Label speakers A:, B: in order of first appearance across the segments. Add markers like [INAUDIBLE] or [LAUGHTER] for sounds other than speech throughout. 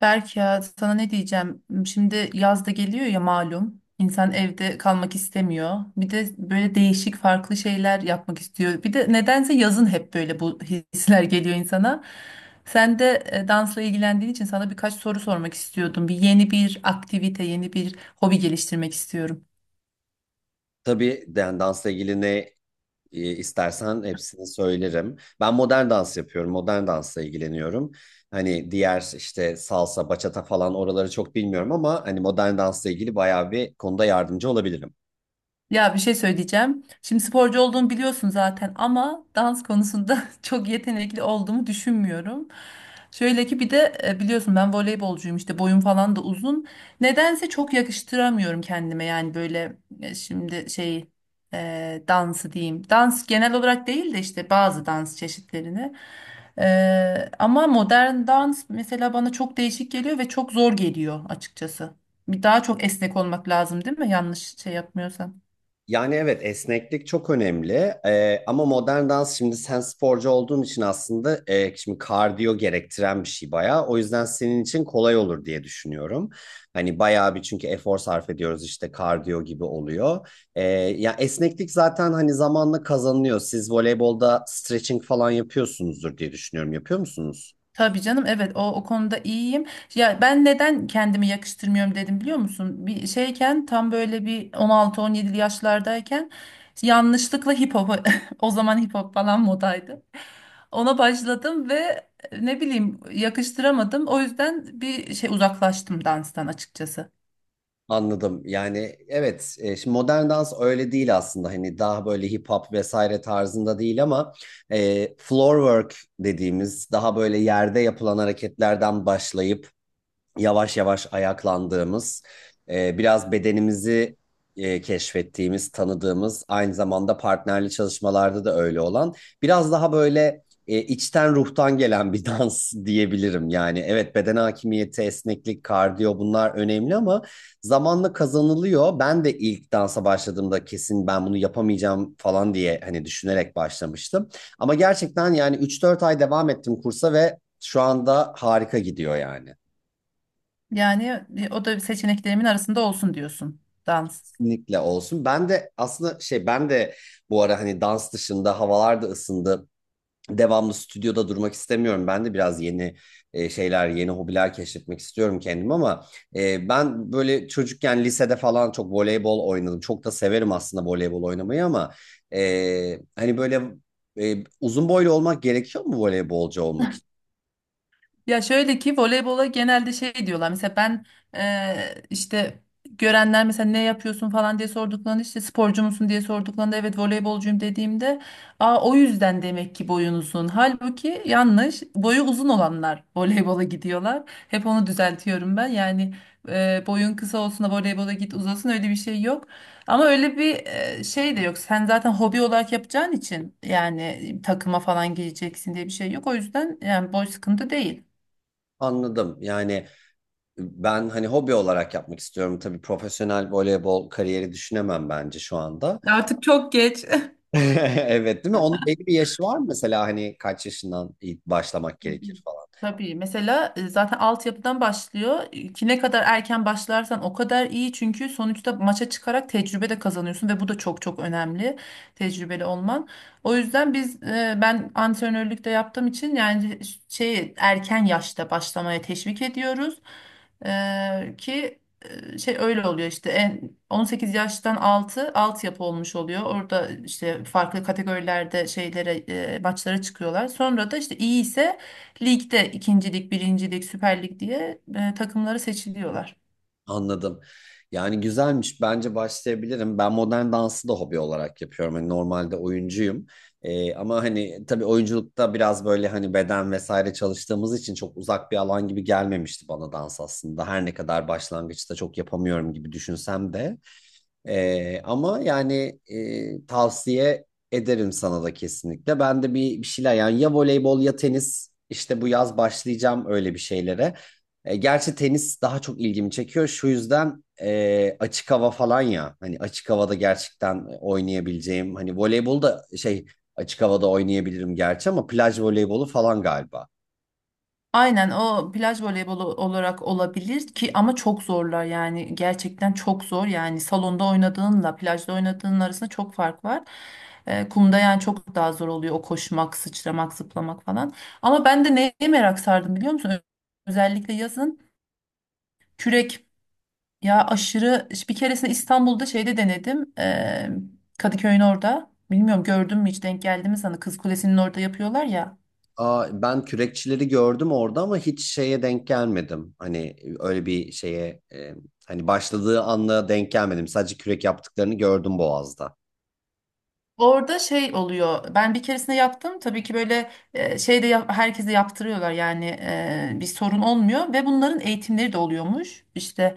A: Berk ya sana ne diyeceğim? Şimdi yaz da geliyor ya malum. İnsan evde kalmak istemiyor. Bir de böyle değişik farklı şeyler yapmak istiyor. Bir de nedense yazın hep böyle bu hisler geliyor insana. Sen de dansla ilgilendiğin için sana birkaç soru sormak istiyordum. Bir yeni bir aktivite, yeni bir hobi geliştirmek istiyorum.
B: Tabii yani dansla ilgili istersen hepsini söylerim. Ben modern dans yapıyorum. Modern dansla ilgileniyorum. Hani diğer işte salsa, bachata falan oraları çok bilmiyorum ama hani modern dansla ilgili bayağı bir konuda yardımcı olabilirim.
A: Ya bir şey söyleyeceğim. Şimdi sporcu olduğumu biliyorsun zaten ama dans konusunda [LAUGHS] çok yetenekli olduğumu düşünmüyorum. Şöyle ki bir de biliyorsun ben voleybolcuyum işte boyum falan da uzun. Nedense çok yakıştıramıyorum kendime yani böyle şimdi şey dansı diyeyim. Dans genel olarak değil de işte bazı dans çeşitlerini. Ama modern dans mesela bana çok değişik geliyor ve çok zor geliyor açıkçası. Daha çok esnek olmak lazım değil mi? Yanlış şey yapmıyorsam.
B: Yani evet, esneklik çok önemli. Ama modern dans, şimdi sen sporcu olduğun için aslında, şimdi kardiyo gerektiren bir şey bayağı. O yüzden senin için kolay olur diye düşünüyorum. Hani bayağı bir, çünkü efor sarf ediyoruz, işte kardiyo gibi oluyor. Ee, Ya esneklik zaten hani zamanla kazanılıyor. Siz voleybolda stretching falan yapıyorsunuzdur diye düşünüyorum. Yapıyor musunuz?
A: Tabii canım, evet, o konuda iyiyim. Ya ben neden kendimi yakıştırmıyorum dedim biliyor musun? Bir şeyken tam böyle bir 16-17 yaşlardayken yanlışlıkla hip hop [LAUGHS] o zaman hip hop falan modaydı. Ona başladım ve ne bileyim yakıştıramadım. O yüzden bir şey uzaklaştım danstan açıkçası.
B: Anladım. Yani evet, şimdi modern dans öyle değil aslında. Hani daha böyle hip hop vesaire tarzında değil ama floor work dediğimiz daha böyle yerde yapılan hareketlerden başlayıp yavaş yavaş ayaklandığımız, biraz bedenimizi keşfettiğimiz, tanıdığımız, aynı zamanda partnerli çalışmalarda da öyle olan, biraz daha böyle içten ruhtan gelen bir [LAUGHS] dans diyebilirim. Yani evet, beden hakimiyeti, esneklik, kardiyo bunlar önemli ama zamanla kazanılıyor. Ben de ilk dansa başladığımda kesin ben bunu yapamayacağım falan diye hani düşünerek başlamıştım. Ama gerçekten yani üç dört ay devam ettim kursa ve şu anda harika gidiyor yani.
A: Yani o da seçeneklerimin arasında olsun diyorsun, dans.
B: Kesinlikle olsun. Ben de aslında şey, ben de bu ara hani dans dışında havalar da ısındı. Devamlı stüdyoda durmak istemiyorum. Ben de biraz yeni şeyler, yeni hobiler keşfetmek istiyorum kendim ama ben böyle çocukken lisede falan çok voleybol oynadım. Çok da severim aslında voleybol oynamayı ama hani böyle uzun boylu olmak gerekiyor mu voleybolcu olmak için?
A: Ya şöyle ki voleybola genelde şey diyorlar. Mesela ben işte görenler mesela ne yapıyorsun falan diye sorduklarında, işte sporcu musun diye sorduklarında evet voleybolcuyum dediğimde, aa o yüzden demek ki boyun uzun. Halbuki yanlış. Boyu uzun olanlar [LAUGHS] voleybola gidiyorlar. Hep onu düzeltiyorum ben. Yani boyun kısa olsun da voleybola git uzasın, öyle bir şey yok. Ama öyle bir şey de yok. Sen zaten hobi olarak yapacağın için, yani takıma falan gireceksin diye bir şey yok. O yüzden yani boy sıkıntı değil.
B: Anladım. Yani ben hani hobi olarak yapmak istiyorum. Tabii profesyonel voleybol kariyeri düşünemem bence şu anda.
A: Ya artık çok geç.
B: [LAUGHS] Evet değil mi? Onun belli bir yaşı var mı mesela, hani kaç yaşından ilk başlamak gerekir falan.
A: Tabii mesela zaten altyapıdan başlıyor. E, ki ne kadar erken başlarsan o kadar iyi. Çünkü sonuçta maça çıkarak tecrübe de kazanıyorsun ve bu da çok çok önemli, tecrübeli olman. O yüzden biz ben antrenörlük de yaptığım için yani şey, erken yaşta başlamaya teşvik ediyoruz. E, ki şey öyle oluyor, işte en 18 yaştan altı altyapı olmuş oluyor. Orada işte farklı kategorilerde şeylere maçlara çıkıyorlar. Sonra da işte iyi ise ligde ikincilik, birincilik, Süper Lig diye takımları seçiliyorlar.
B: Anladım. Yani güzelmiş. Bence başlayabilirim. Ben modern dansı da hobi olarak yapıyorum. Hani normalde oyuncuyum. Ama hani tabii oyunculukta biraz böyle hani beden vesaire çalıştığımız için çok uzak bir alan gibi gelmemişti bana dans aslında. Her ne kadar başlangıçta çok yapamıyorum gibi düşünsem de. Tavsiye ederim sana da kesinlikle. Ben de bir şeyler yani ya voleybol ya tenis, işte bu yaz başlayacağım öyle bir şeylere. E, gerçi tenis daha çok ilgimi çekiyor. Şu yüzden açık hava falan, ya hani açık havada gerçekten oynayabileceğim. Hani voleybol da şey, açık havada oynayabilirim gerçi ama plaj voleybolu falan galiba.
A: Aynen, o plaj voleybolu olarak olabilir ki, ama çok zorlar yani, gerçekten çok zor yani, salonda oynadığınla plajda oynadığın arasında çok fark var. E, kumda yani çok daha zor oluyor o koşmak, sıçramak, zıplamak falan. Ama ben de neye merak sardım biliyor musun? Özellikle yazın, kürek. Ya aşırı, bir keresinde İstanbul'da şeyde denedim. Kadıköy'ün orada. Bilmiyorum gördün mü, hiç denk geldi mi sana? Kız Kulesi'nin orada yapıyorlar ya.
B: Aa, ben kürekçileri gördüm orada ama hiç şeye denk gelmedim. Hani öyle bir şeye hani başladığı anla denk gelmedim. Sadece kürek yaptıklarını gördüm Boğaz'da.
A: Orada şey oluyor. Ben bir keresinde yaptım. Tabii ki böyle şey de herkese yaptırıyorlar yani, bir sorun olmuyor ve bunların eğitimleri de oluyormuş. İşte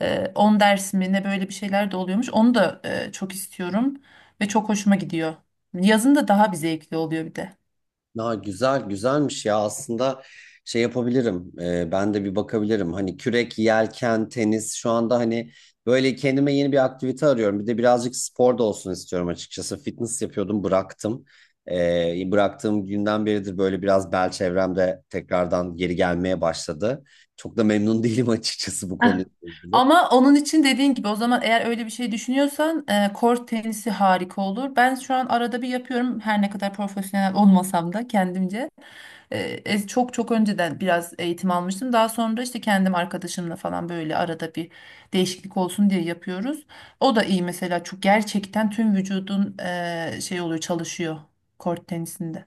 A: 10 ders mi ne, böyle bir şeyler de oluyormuş. Onu da çok istiyorum ve çok hoşuma gidiyor. Yazın da daha bir zevkli oluyor bir de.
B: Ya güzel, güzelmiş ya aslında, şey yapabilirim. Ben de bir bakabilirim, hani kürek, yelken, tenis. Şu anda hani böyle kendime yeni bir aktivite arıyorum, bir de birazcık spor da olsun istiyorum açıkçası. Fitness yapıyordum, bıraktım. Bıraktığım günden beridir böyle biraz bel çevremde tekrardan geri gelmeye başladı, çok da memnun [LAUGHS] değilim açıkçası bu konuyla ilgili.
A: Ama onun için dediğin gibi, o zaman eğer öyle bir şey düşünüyorsan kort tenisi harika olur. Ben şu an arada bir yapıyorum, her ne kadar profesyonel olmasam da kendimce. Çok çok önceden biraz eğitim almıştım. Daha sonra işte kendim arkadaşımla falan böyle arada bir değişiklik olsun diye yapıyoruz. O da iyi mesela, çok gerçekten tüm vücudun şey oluyor, çalışıyor kort tenisinde.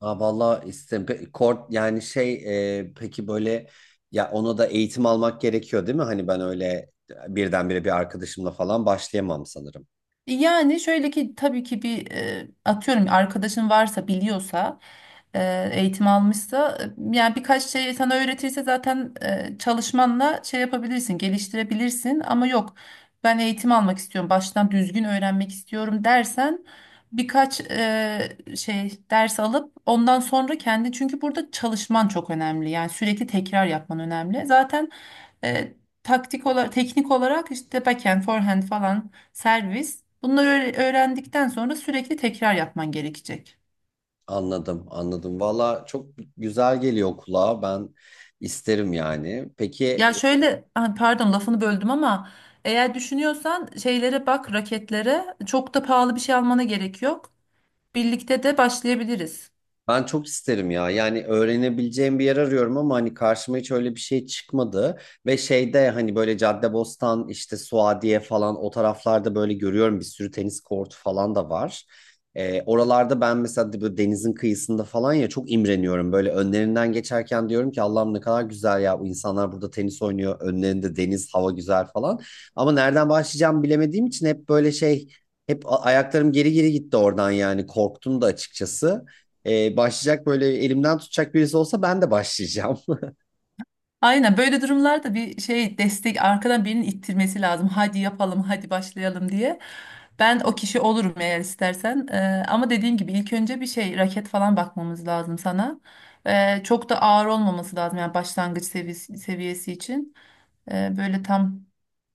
B: Aa, vallahi kort, yani şey, peki böyle, ya ona da eğitim almak gerekiyor değil mi? Hani ben öyle birdenbire bir arkadaşımla falan başlayamam sanırım.
A: Yani şöyle ki, tabii ki bir atıyorum arkadaşın varsa, biliyorsa, eğitim almışsa, yani birkaç şey sana öğretirse zaten çalışmanla şey yapabilirsin, geliştirebilirsin, ama yok ben eğitim almak istiyorum, baştan düzgün öğrenmek istiyorum dersen, birkaç şey ders alıp ondan sonra kendi, çünkü burada çalışman çok önemli yani, sürekli tekrar yapman önemli zaten. e, Taktik olarak, teknik olarak işte backhand, forehand falan, servis. Bunları öğrendikten sonra sürekli tekrar yapman gerekecek.
B: Anladım, anladım. Valla çok güzel geliyor kulağa. Ben isterim yani. Peki.
A: Ya şöyle, ah, pardon, lafını böldüm ama, eğer düşünüyorsan şeylere bak, raketlere, çok da pahalı bir şey almana gerek yok. Birlikte de başlayabiliriz.
B: Ben çok isterim ya. Yani öğrenebileceğim bir yer arıyorum ama hani karşıma hiç öyle bir şey çıkmadı. Ve şeyde hani böyle Caddebostan, işte Suadiye falan, o taraflarda böyle görüyorum, bir sürü tenis kortu falan da var. Oralarda ben mesela böyle denizin kıyısında falan, ya çok imreniyorum. Böyle önlerinden geçerken diyorum ki, Allah'ım ne kadar güzel ya, bu insanlar burada tenis oynuyor. Önlerinde deniz, hava güzel falan. Ama nereden başlayacağımı bilemediğim için hep böyle şey, hep ayaklarım geri geri gitti oradan, yani korktum da açıkçası. Başlayacak böyle elimden tutacak birisi olsa ben de başlayacağım.
A: Aynen, böyle durumlarda bir şey destek, arkadan birinin ittirmesi lazım. Hadi yapalım, hadi başlayalım diye. Ben o kişi olurum eğer istersen. Ama dediğim gibi ilk önce bir şey raket falan bakmamız lazım sana. Çok da ağır olmaması lazım yani, başlangıç seviyesi için. Böyle tam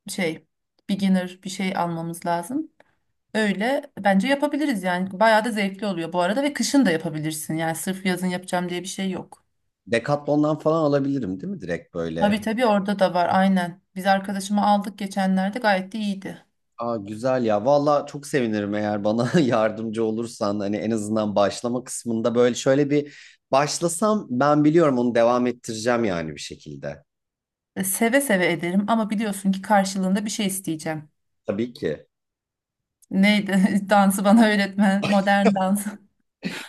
A: şey, beginner bir şey almamız lazım. Öyle bence yapabiliriz yani. Bayağı da zevkli oluyor bu arada, ve kışın da yapabilirsin. Yani sırf yazın yapacağım diye bir şey yok.
B: [LAUGHS] Decathlon'dan falan alabilirim değil mi direkt böyle?
A: Tabii tabii, orada da var aynen. Biz arkadaşımı aldık geçenlerde, gayet de iyiydi.
B: Aa, güzel ya. Valla çok sevinirim eğer bana [LAUGHS] yardımcı olursan. Hani en azından başlama kısmında böyle, şöyle bir başlasam ben, biliyorum onu devam ettireceğim yani bir şekilde.
A: E, seve seve ederim ama biliyorsun ki karşılığında bir şey isteyeceğim.
B: Tabii ki.
A: Neydi? [LAUGHS] Dansı bana öğretmen, modern dans.
B: [LAUGHS]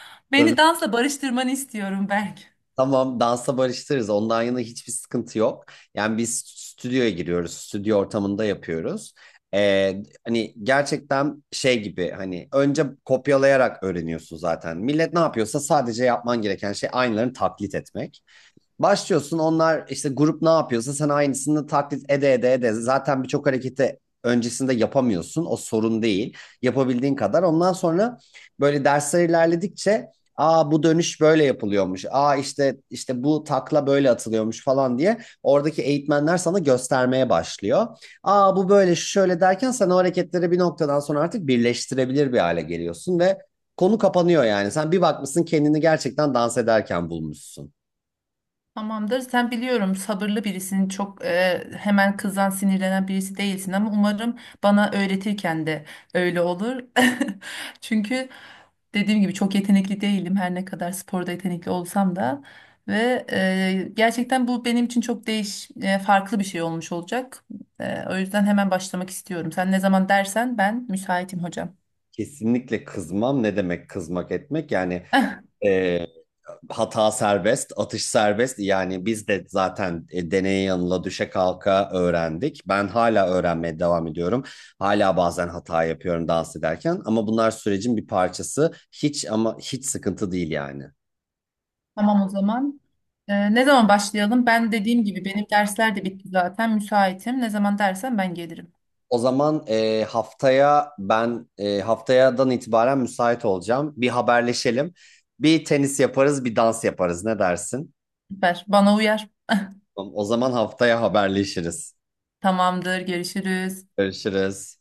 A: [LAUGHS]
B: Tabii,
A: Beni dansla barıştırmanı istiyorum Berk.
B: tamam, dansa barıştırırız. Ondan yana hiçbir sıkıntı yok. Yani biz stüdyoya giriyoruz. Stüdyo ortamında yapıyoruz. Hani gerçekten şey gibi, hani önce kopyalayarak öğreniyorsun zaten. Millet ne yapıyorsa sadece yapman gereken şey aynılarını taklit etmek. Başlıyorsun, onlar işte grup ne yapıyorsa sen aynısını taklit ede ede ede. Zaten birçok hareketi öncesinde yapamıyorsun. O sorun değil. Yapabildiğin kadar. Ondan sonra böyle dersler ilerledikçe, aa bu dönüş böyle yapılıyormuş, aa işte işte bu takla böyle atılıyormuş falan diye oradaki eğitmenler sana göstermeye başlıyor. Aa bu böyle, şu şöyle derken sen o hareketleri bir noktadan sonra artık birleştirebilir bir hale geliyorsun ve konu kapanıyor yani. Sen bir bakmışsın kendini gerçekten dans ederken bulmuşsun.
A: Tamamdır. Sen biliyorum sabırlı birisin. Çok hemen kızan, sinirlenen birisi değilsin, ama umarım bana öğretirken de öyle olur. [LAUGHS] Çünkü dediğim gibi çok yetenekli değilim. Her ne kadar sporda yetenekli olsam da, ve gerçekten bu benim için çok farklı bir şey olmuş olacak. E, o yüzden hemen başlamak istiyorum. Sen ne zaman dersen ben müsaitim hocam.
B: Kesinlikle kızmam. Ne demek kızmak etmek? Yani
A: [LAUGHS]
B: e, hata serbest, atış serbest. Yani biz de zaten deneye yanıla, düşe kalka öğrendik. Ben hala öğrenmeye devam ediyorum. Hala bazen hata yapıyorum dans ederken. Ama bunlar sürecin bir parçası. Hiç ama hiç sıkıntı değil yani.
A: Tamam o zaman. Ne zaman başlayalım? Ben dediğim gibi benim dersler de bitti zaten. Müsaitim. Ne zaman dersen ben gelirim.
B: O zaman haftaya ben, haftayadan itibaren müsait olacağım. Bir haberleşelim. Bir tenis yaparız, bir dans yaparız. Ne dersin?
A: Süper. Bana uyar.
B: O zaman haftaya haberleşiriz.
A: Tamamdır. Görüşürüz.
B: Görüşürüz.